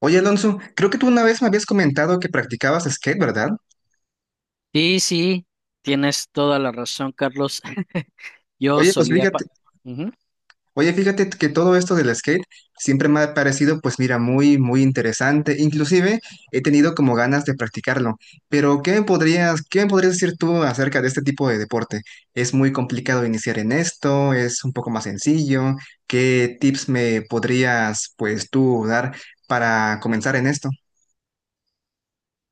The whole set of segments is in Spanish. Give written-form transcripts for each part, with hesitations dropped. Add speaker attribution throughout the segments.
Speaker 1: Oye, Alonso, creo que tú una vez me habías comentado que practicabas skate, ¿verdad?
Speaker 2: Sí, sí, tienes toda la razón, Carlos. Yo
Speaker 1: Oye, pues
Speaker 2: solía
Speaker 1: fíjate,
Speaker 2: Ujú.
Speaker 1: oye, fíjate que todo esto del skate siempre me ha parecido, pues mira, muy, muy interesante. Inclusive he tenido como ganas de practicarlo. Pero, ¿qué me podrías decir tú acerca de este tipo de deporte? ¿Es muy complicado iniciar en esto? ¿Es un poco más sencillo? ¿Qué tips me podrías, pues tú, dar para comenzar en esto?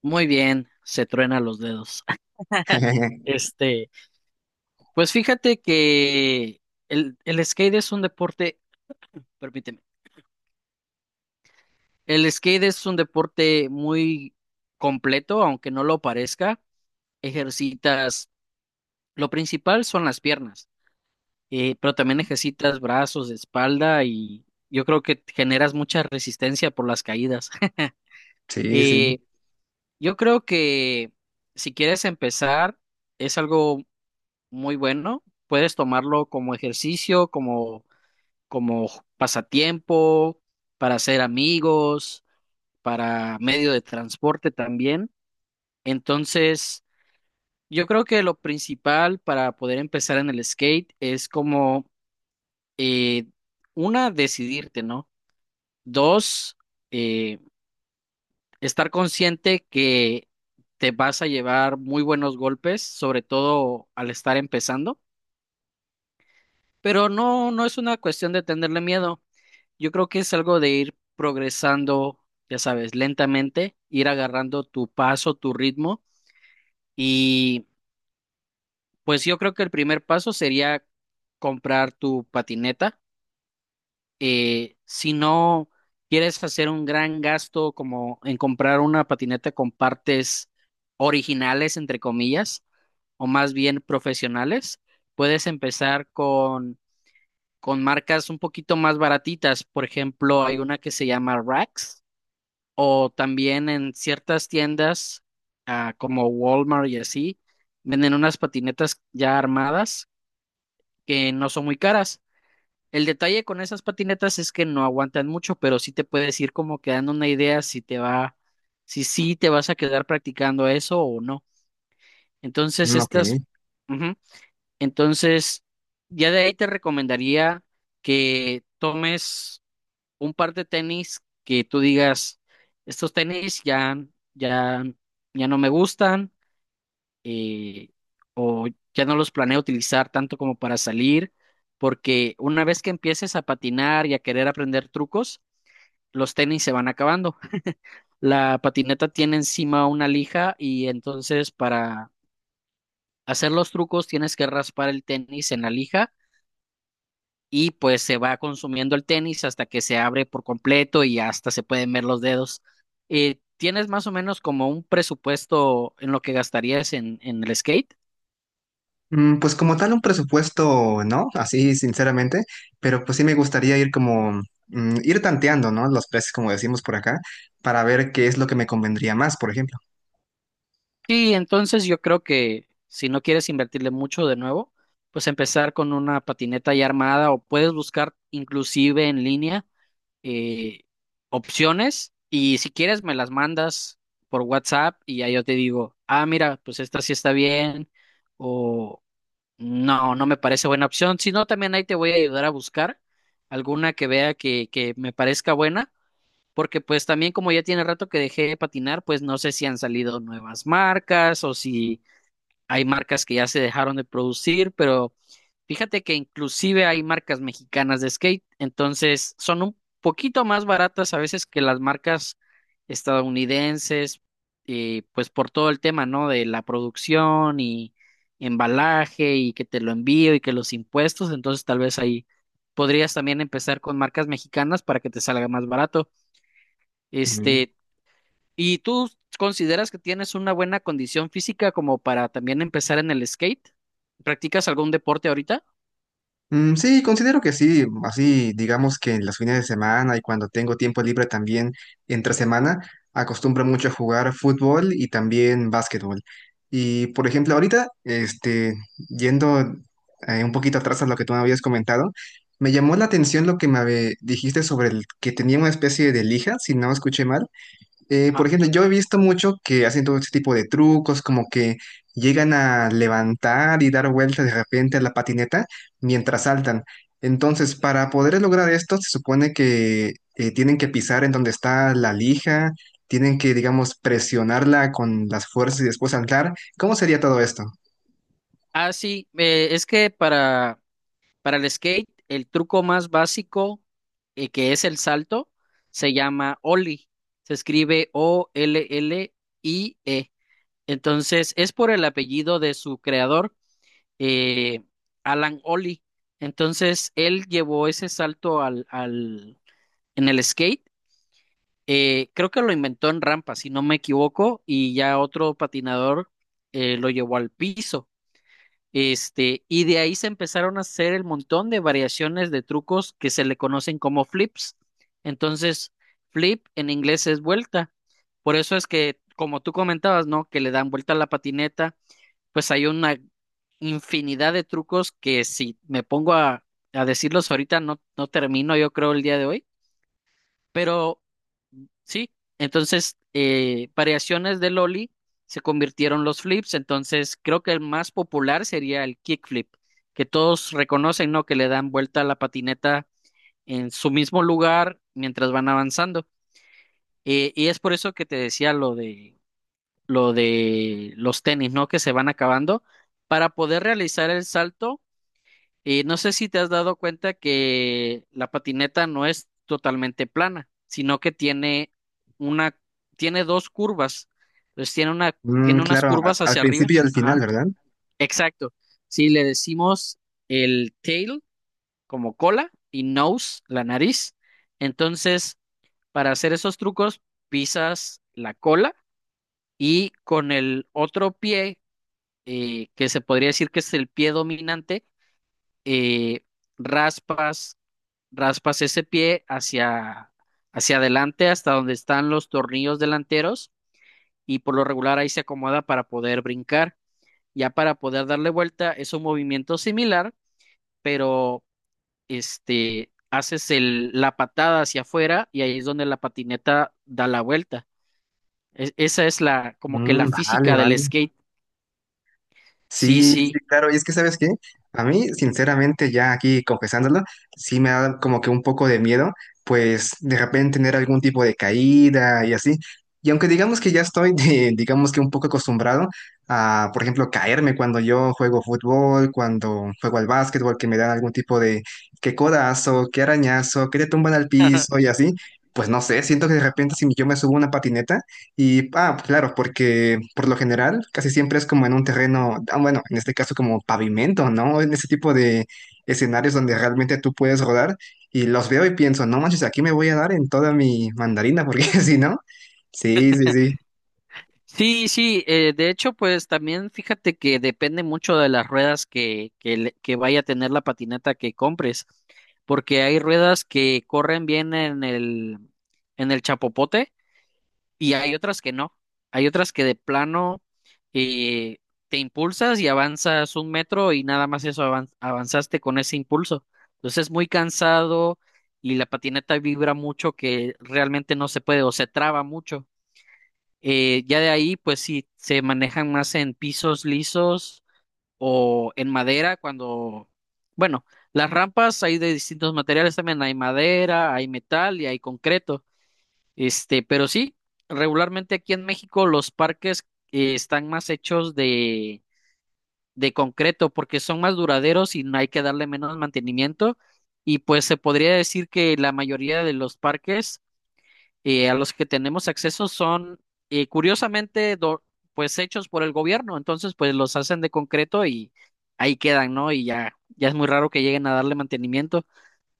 Speaker 2: Muy bien, se truena los dedos. Este, pues fíjate que el skate es un deporte, permíteme, el skate es un deporte muy completo, aunque no lo parezca. Ejercitas, lo principal son las piernas, pero también ejercitas brazos, espalda y yo creo que generas mucha resistencia por las caídas.
Speaker 1: Sí, sí.
Speaker 2: Eh, Yo creo que si quieres empezar, es algo muy bueno. Puedes tomarlo como ejercicio, como pasatiempo, para hacer amigos, para medio de transporte también. Entonces, yo creo que lo principal para poder empezar en el skate es como, eh, una, decidirte, ¿no? Dos, eh, estar consciente que te vas a llevar muy buenos golpes, sobre todo al estar empezando, pero no, no es una cuestión de tenerle miedo. Yo creo que es algo de ir progresando, ya sabes, lentamente, ir agarrando tu paso, tu ritmo, y pues yo creo que el primer paso sería comprar tu patineta. Si no quieres hacer un gran gasto como en comprar una patineta con partes originales, entre comillas, o más bien profesionales, puedes empezar con marcas un poquito más baratitas. Por ejemplo, hay una que se llama Rax, o también en ciertas tiendas, como Walmart y así, venden unas patinetas ya armadas que no son muy caras. El detalle con esas patinetas es que no aguantan mucho, pero sí te puedes ir como quedando una idea si sí te vas a quedar practicando eso o no. Entonces,
Speaker 1: Ok.
Speaker 2: estas. Ujú. Entonces, ya de ahí te recomendaría que tomes un par de tenis que tú digas, estos tenis ya, ya no me gustan, eh, o ya no los planeo utilizar tanto como para salir, porque una vez que empieces a patinar y a querer aprender trucos, los tenis se van acabando. La patineta tiene encima una lija y entonces para hacer los trucos tienes que raspar el tenis en la lija y pues se va consumiendo el tenis hasta que se abre por completo y hasta se pueden ver los dedos. ¿Tienes más o menos como un presupuesto en lo que gastarías en el skate?
Speaker 1: Pues como tal un presupuesto, ¿no? Así sinceramente, pero pues sí me gustaría ir como, ir tanteando, ¿no? Los precios, como decimos por acá, para ver qué es lo que me convendría más, por ejemplo.
Speaker 2: Sí, entonces yo creo que si no quieres invertirle mucho de nuevo, pues empezar con una patineta ya armada o puedes buscar inclusive en línea, eh, opciones, y si quieres me las mandas por WhatsApp y ya yo te digo, ah, mira, pues esta sí está bien o no, no me parece buena opción. Si no, también ahí te voy a ayudar a buscar alguna que vea que me parezca buena, porque pues también como ya tiene rato que dejé de patinar, pues no sé si han salido nuevas marcas o si hay marcas que ya se dejaron de producir, pero fíjate que inclusive hay marcas mexicanas de skate, entonces son un poquito más baratas a veces que las marcas estadounidenses, pues por todo el tema, ¿no? De la producción y embalaje y que te lo envío y que los impuestos, entonces tal vez ahí podrías también empezar con marcas mexicanas para que te salga más barato. Este, ¿Y tú consideras que tienes una buena condición física como para también empezar en el skate? ¿Practicas algún deporte ahorita?
Speaker 1: Sí, considero que sí, así digamos que en los fines de semana y cuando tengo tiempo libre también entre semana, acostumbro mucho a jugar fútbol y también básquetbol. Y por ejemplo, ahorita, yendo un poquito atrás a lo que tú me habías comentado, me llamó la atención lo que me habe- dijiste sobre el que tenía una especie de lija, si no escuché mal, por
Speaker 2: Ajá.
Speaker 1: ejemplo, yo he visto mucho que hacen todo ese tipo de trucos, como que llegan a levantar y dar vueltas de repente a la patineta mientras saltan. Entonces, para poder lograr esto, se supone que tienen que pisar en donde está la lija, tienen que, digamos, presionarla con las fuerzas y después saltar. ¿Cómo sería todo esto?
Speaker 2: Ah, sí, es que para, el skate, el truco más básico, que es el salto, se llama Ollie. Se escribe Ollie. Entonces, es por el apellido de su creador, eh, Alan Ollie. Entonces, él llevó ese salto en el skate. Creo que lo inventó en rampa, si no me equivoco, y ya otro patinador lo llevó al piso. Y de ahí se empezaron a hacer el montón de variaciones de trucos que se le conocen como flips. Entonces, flip en inglés es vuelta. Por eso es que, como tú comentabas, ¿no? Que le dan vuelta a la patineta, pues hay una infinidad de trucos que si me pongo a decirlos ahorita no, no termino, yo creo, el día de hoy. Pero sí, entonces variaciones del ollie se convirtieron los flips, entonces creo que el más popular sería el kickflip, que todos reconocen, ¿no? Que le dan vuelta a la patineta en su mismo lugar mientras van avanzando. Y es por eso que te decía lo de los tenis, ¿no? Que se van acabando. Para poder realizar el salto, y no sé si te has dado cuenta que la patineta no es totalmente plana, sino que tiene una, tiene dos curvas. Entonces tiene una, tiene unas
Speaker 1: Claro, a-
Speaker 2: curvas
Speaker 1: al
Speaker 2: hacia arriba.
Speaker 1: principio y al final,
Speaker 2: Ajá.
Speaker 1: ¿verdad?
Speaker 2: Exacto. Si le decimos el tail como cola y nose, la nariz. Entonces, para hacer esos trucos, pisas la cola y con el otro pie, que se podría decir que es el pie dominante, eh, raspas raspas ese pie hacia, adelante hasta donde están los tornillos delanteros y por lo regular ahí se acomoda para poder brincar. Ya para poder darle vuelta es un movimiento similar, pero haces el, la patada hacia afuera y ahí es donde la patineta da la vuelta. Esa es la como que la física
Speaker 1: Vale,
Speaker 2: del
Speaker 1: vale.
Speaker 2: skate. Sí,
Speaker 1: Sí, sí,
Speaker 2: sí.
Speaker 1: claro. Y es que, ¿sabes qué? A mí, sinceramente, ya aquí confesándolo, sí me da como que un poco de miedo, pues de repente tener algún tipo de caída y así. Y aunque digamos que ya estoy, de- digamos que un poco acostumbrado a, por ejemplo, caerme cuando yo juego fútbol, cuando juego al básquetbol, que me dan algún tipo de que codazo, que arañazo, que te tumban al piso y así, pues no sé, siento que de repente si yo me subo a una patineta, y, ah, claro, porque por lo general casi siempre es como en un terreno, ah, bueno, en este caso como pavimento, ¿no? En ese tipo de escenarios donde realmente tú puedes rodar y los veo y pienso, no manches, aquí me voy a dar en toda mi mandarina, porque si no, sí, sí, sí.
Speaker 2: Sí, sí, de hecho, pues también fíjate que depende mucho de las ruedas que que vaya a tener la patineta que compres, porque hay ruedas que corren bien en el chapopote y hay otras que no. Hay otras que de plano, eh, te impulsas y avanzas un metro y nada más eso avanzaste con ese impulso. Entonces es muy cansado y la patineta vibra mucho que realmente no se puede o se traba mucho. Ya de ahí, pues sí, se manejan más en pisos lisos o en madera cuando, bueno, las rampas hay de distintos materiales también, hay madera, hay metal y hay concreto. Pero sí, regularmente aquí en México los parques, están más hechos de concreto porque son más duraderos y no hay que darle menos mantenimiento. Y pues se podría decir que la mayoría de los parques y a los que tenemos acceso son, curiosamente, pues hechos por el gobierno, entonces pues los hacen de concreto y ahí quedan, ¿no? Y ya, ya es muy raro que lleguen a darle mantenimiento,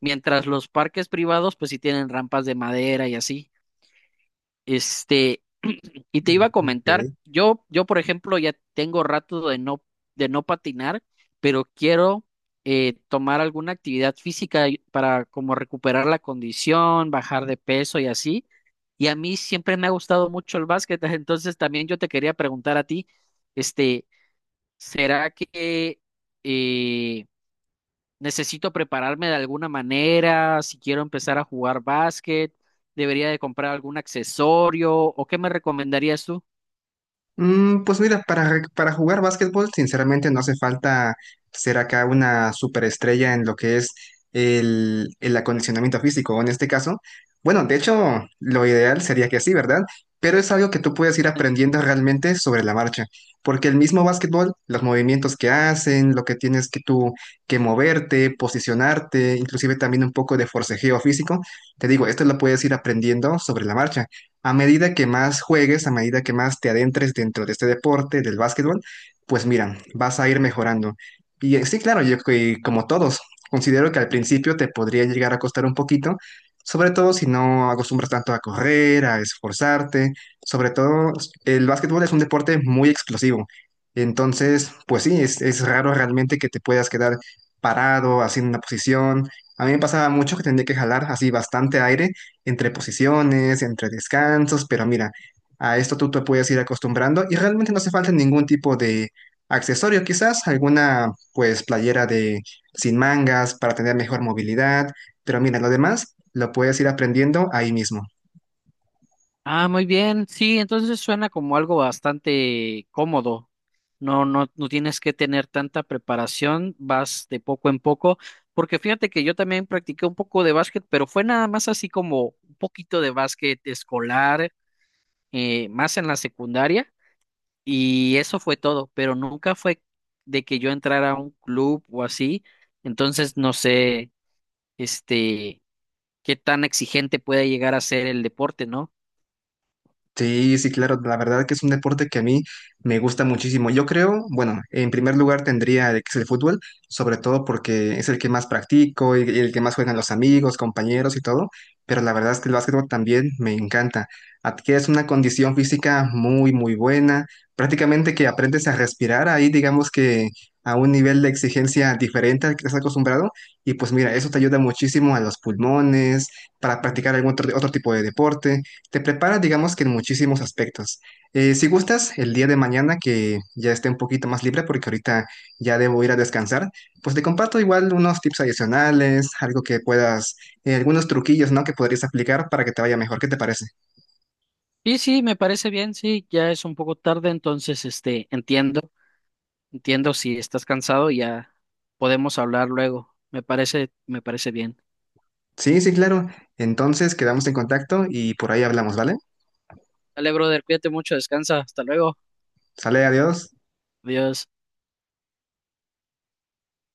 Speaker 2: mientras los parques privados pues sí tienen rampas de madera y así. Este, y te
Speaker 1: Mm,
Speaker 2: iba a comentar,
Speaker 1: ok.
Speaker 2: yo por ejemplo ya tengo rato de no, patinar, pero quiero tomar alguna actividad física para como recuperar la condición, bajar de peso y así. Y a mí siempre me ha gustado mucho el básquet, entonces también yo te quería preguntar a ti, este, ¿será que eh, necesito prepararme de alguna manera si quiero empezar a jugar básquet? ¿Debería de comprar algún accesorio o qué me recomendarías tú?
Speaker 1: Pues mira, re- para jugar básquetbol, sinceramente no hace falta ser acá una superestrella en lo que es el acondicionamiento físico, o en este caso. Bueno, de hecho, lo ideal sería que sí, ¿verdad? Pero es algo que tú puedes ir aprendiendo realmente sobre la marcha, porque el mismo básquetbol, los movimientos que hacen, lo que tienes que tú que moverte, posicionarte, inclusive también un poco de forcejeo físico, te digo, esto lo puedes ir aprendiendo sobre la marcha a medida que más juegues, a medida que más te adentres dentro de este deporte, del básquetbol, pues mira, vas a ir mejorando. Y sí, claro, yo que- como todos, considero que al principio te podría llegar a costar un poquito, sobre todo si no acostumbras tanto a correr, a esforzarte, sobre todo el básquetbol es un deporte muy explosivo. Entonces, pues sí, es raro realmente que te puedas quedar parado, haciendo una posición. A mí me pasaba mucho que tenía que jalar así bastante aire entre posiciones, entre descansos, pero mira, a esto tú te puedes ir acostumbrando y realmente no hace falta ningún tipo de accesorio, quizás alguna pues playera de sin mangas para tener mejor movilidad, pero mira, lo demás lo puedes ir aprendiendo ahí mismo.
Speaker 2: Ah, muy bien. Sí, entonces suena como algo bastante cómodo. No, no, no tienes que tener tanta preparación, vas de poco en poco, porque fíjate que yo también practiqué un poco de básquet, pero fue nada más así como un poquito de básquet escolar, más en la secundaria, y eso fue todo, pero nunca fue de que yo entrara a un club o así, entonces no sé, este, qué tan exigente puede llegar a ser el deporte, ¿no?
Speaker 1: Sí, sí, claro, la verdad que es un deporte que a mí me gusta muchísimo. Yo creo, bueno, en primer lugar tendría el que es el fútbol, sobre todo porque es el que más practico y el que más juegan los amigos, compañeros y todo, pero la verdad es que el básquetbol también me encanta. Adquieres una condición física muy, muy buena, prácticamente que aprendes a respirar ahí, digamos que a un nivel de exigencia diferente al que estás acostumbrado, y pues mira, eso te ayuda muchísimo a los pulmones, para practicar algún otro tipo de deporte. Te prepara, digamos que en muchísimos aspectos. Si gustas, el día de mañana que ya esté un poquito más libre, porque ahorita ya debo ir a descansar, pues te comparto igual unos tips adicionales, algo que puedas, algunos truquillos, ¿no? Que podrías aplicar para que te vaya mejor. ¿Qué te parece?
Speaker 2: Sí, sí, me parece bien, sí, ya es un poco tarde, entonces, entiendo, entiendo si estás cansado, ya podemos hablar luego. Me parece bien.
Speaker 1: Sí, sí, claro. Entonces quedamos en contacto y por ahí hablamos, ¿vale?
Speaker 2: Dale, brother, cuídate mucho, descansa, hasta luego,
Speaker 1: Sale, adiós.
Speaker 2: adiós.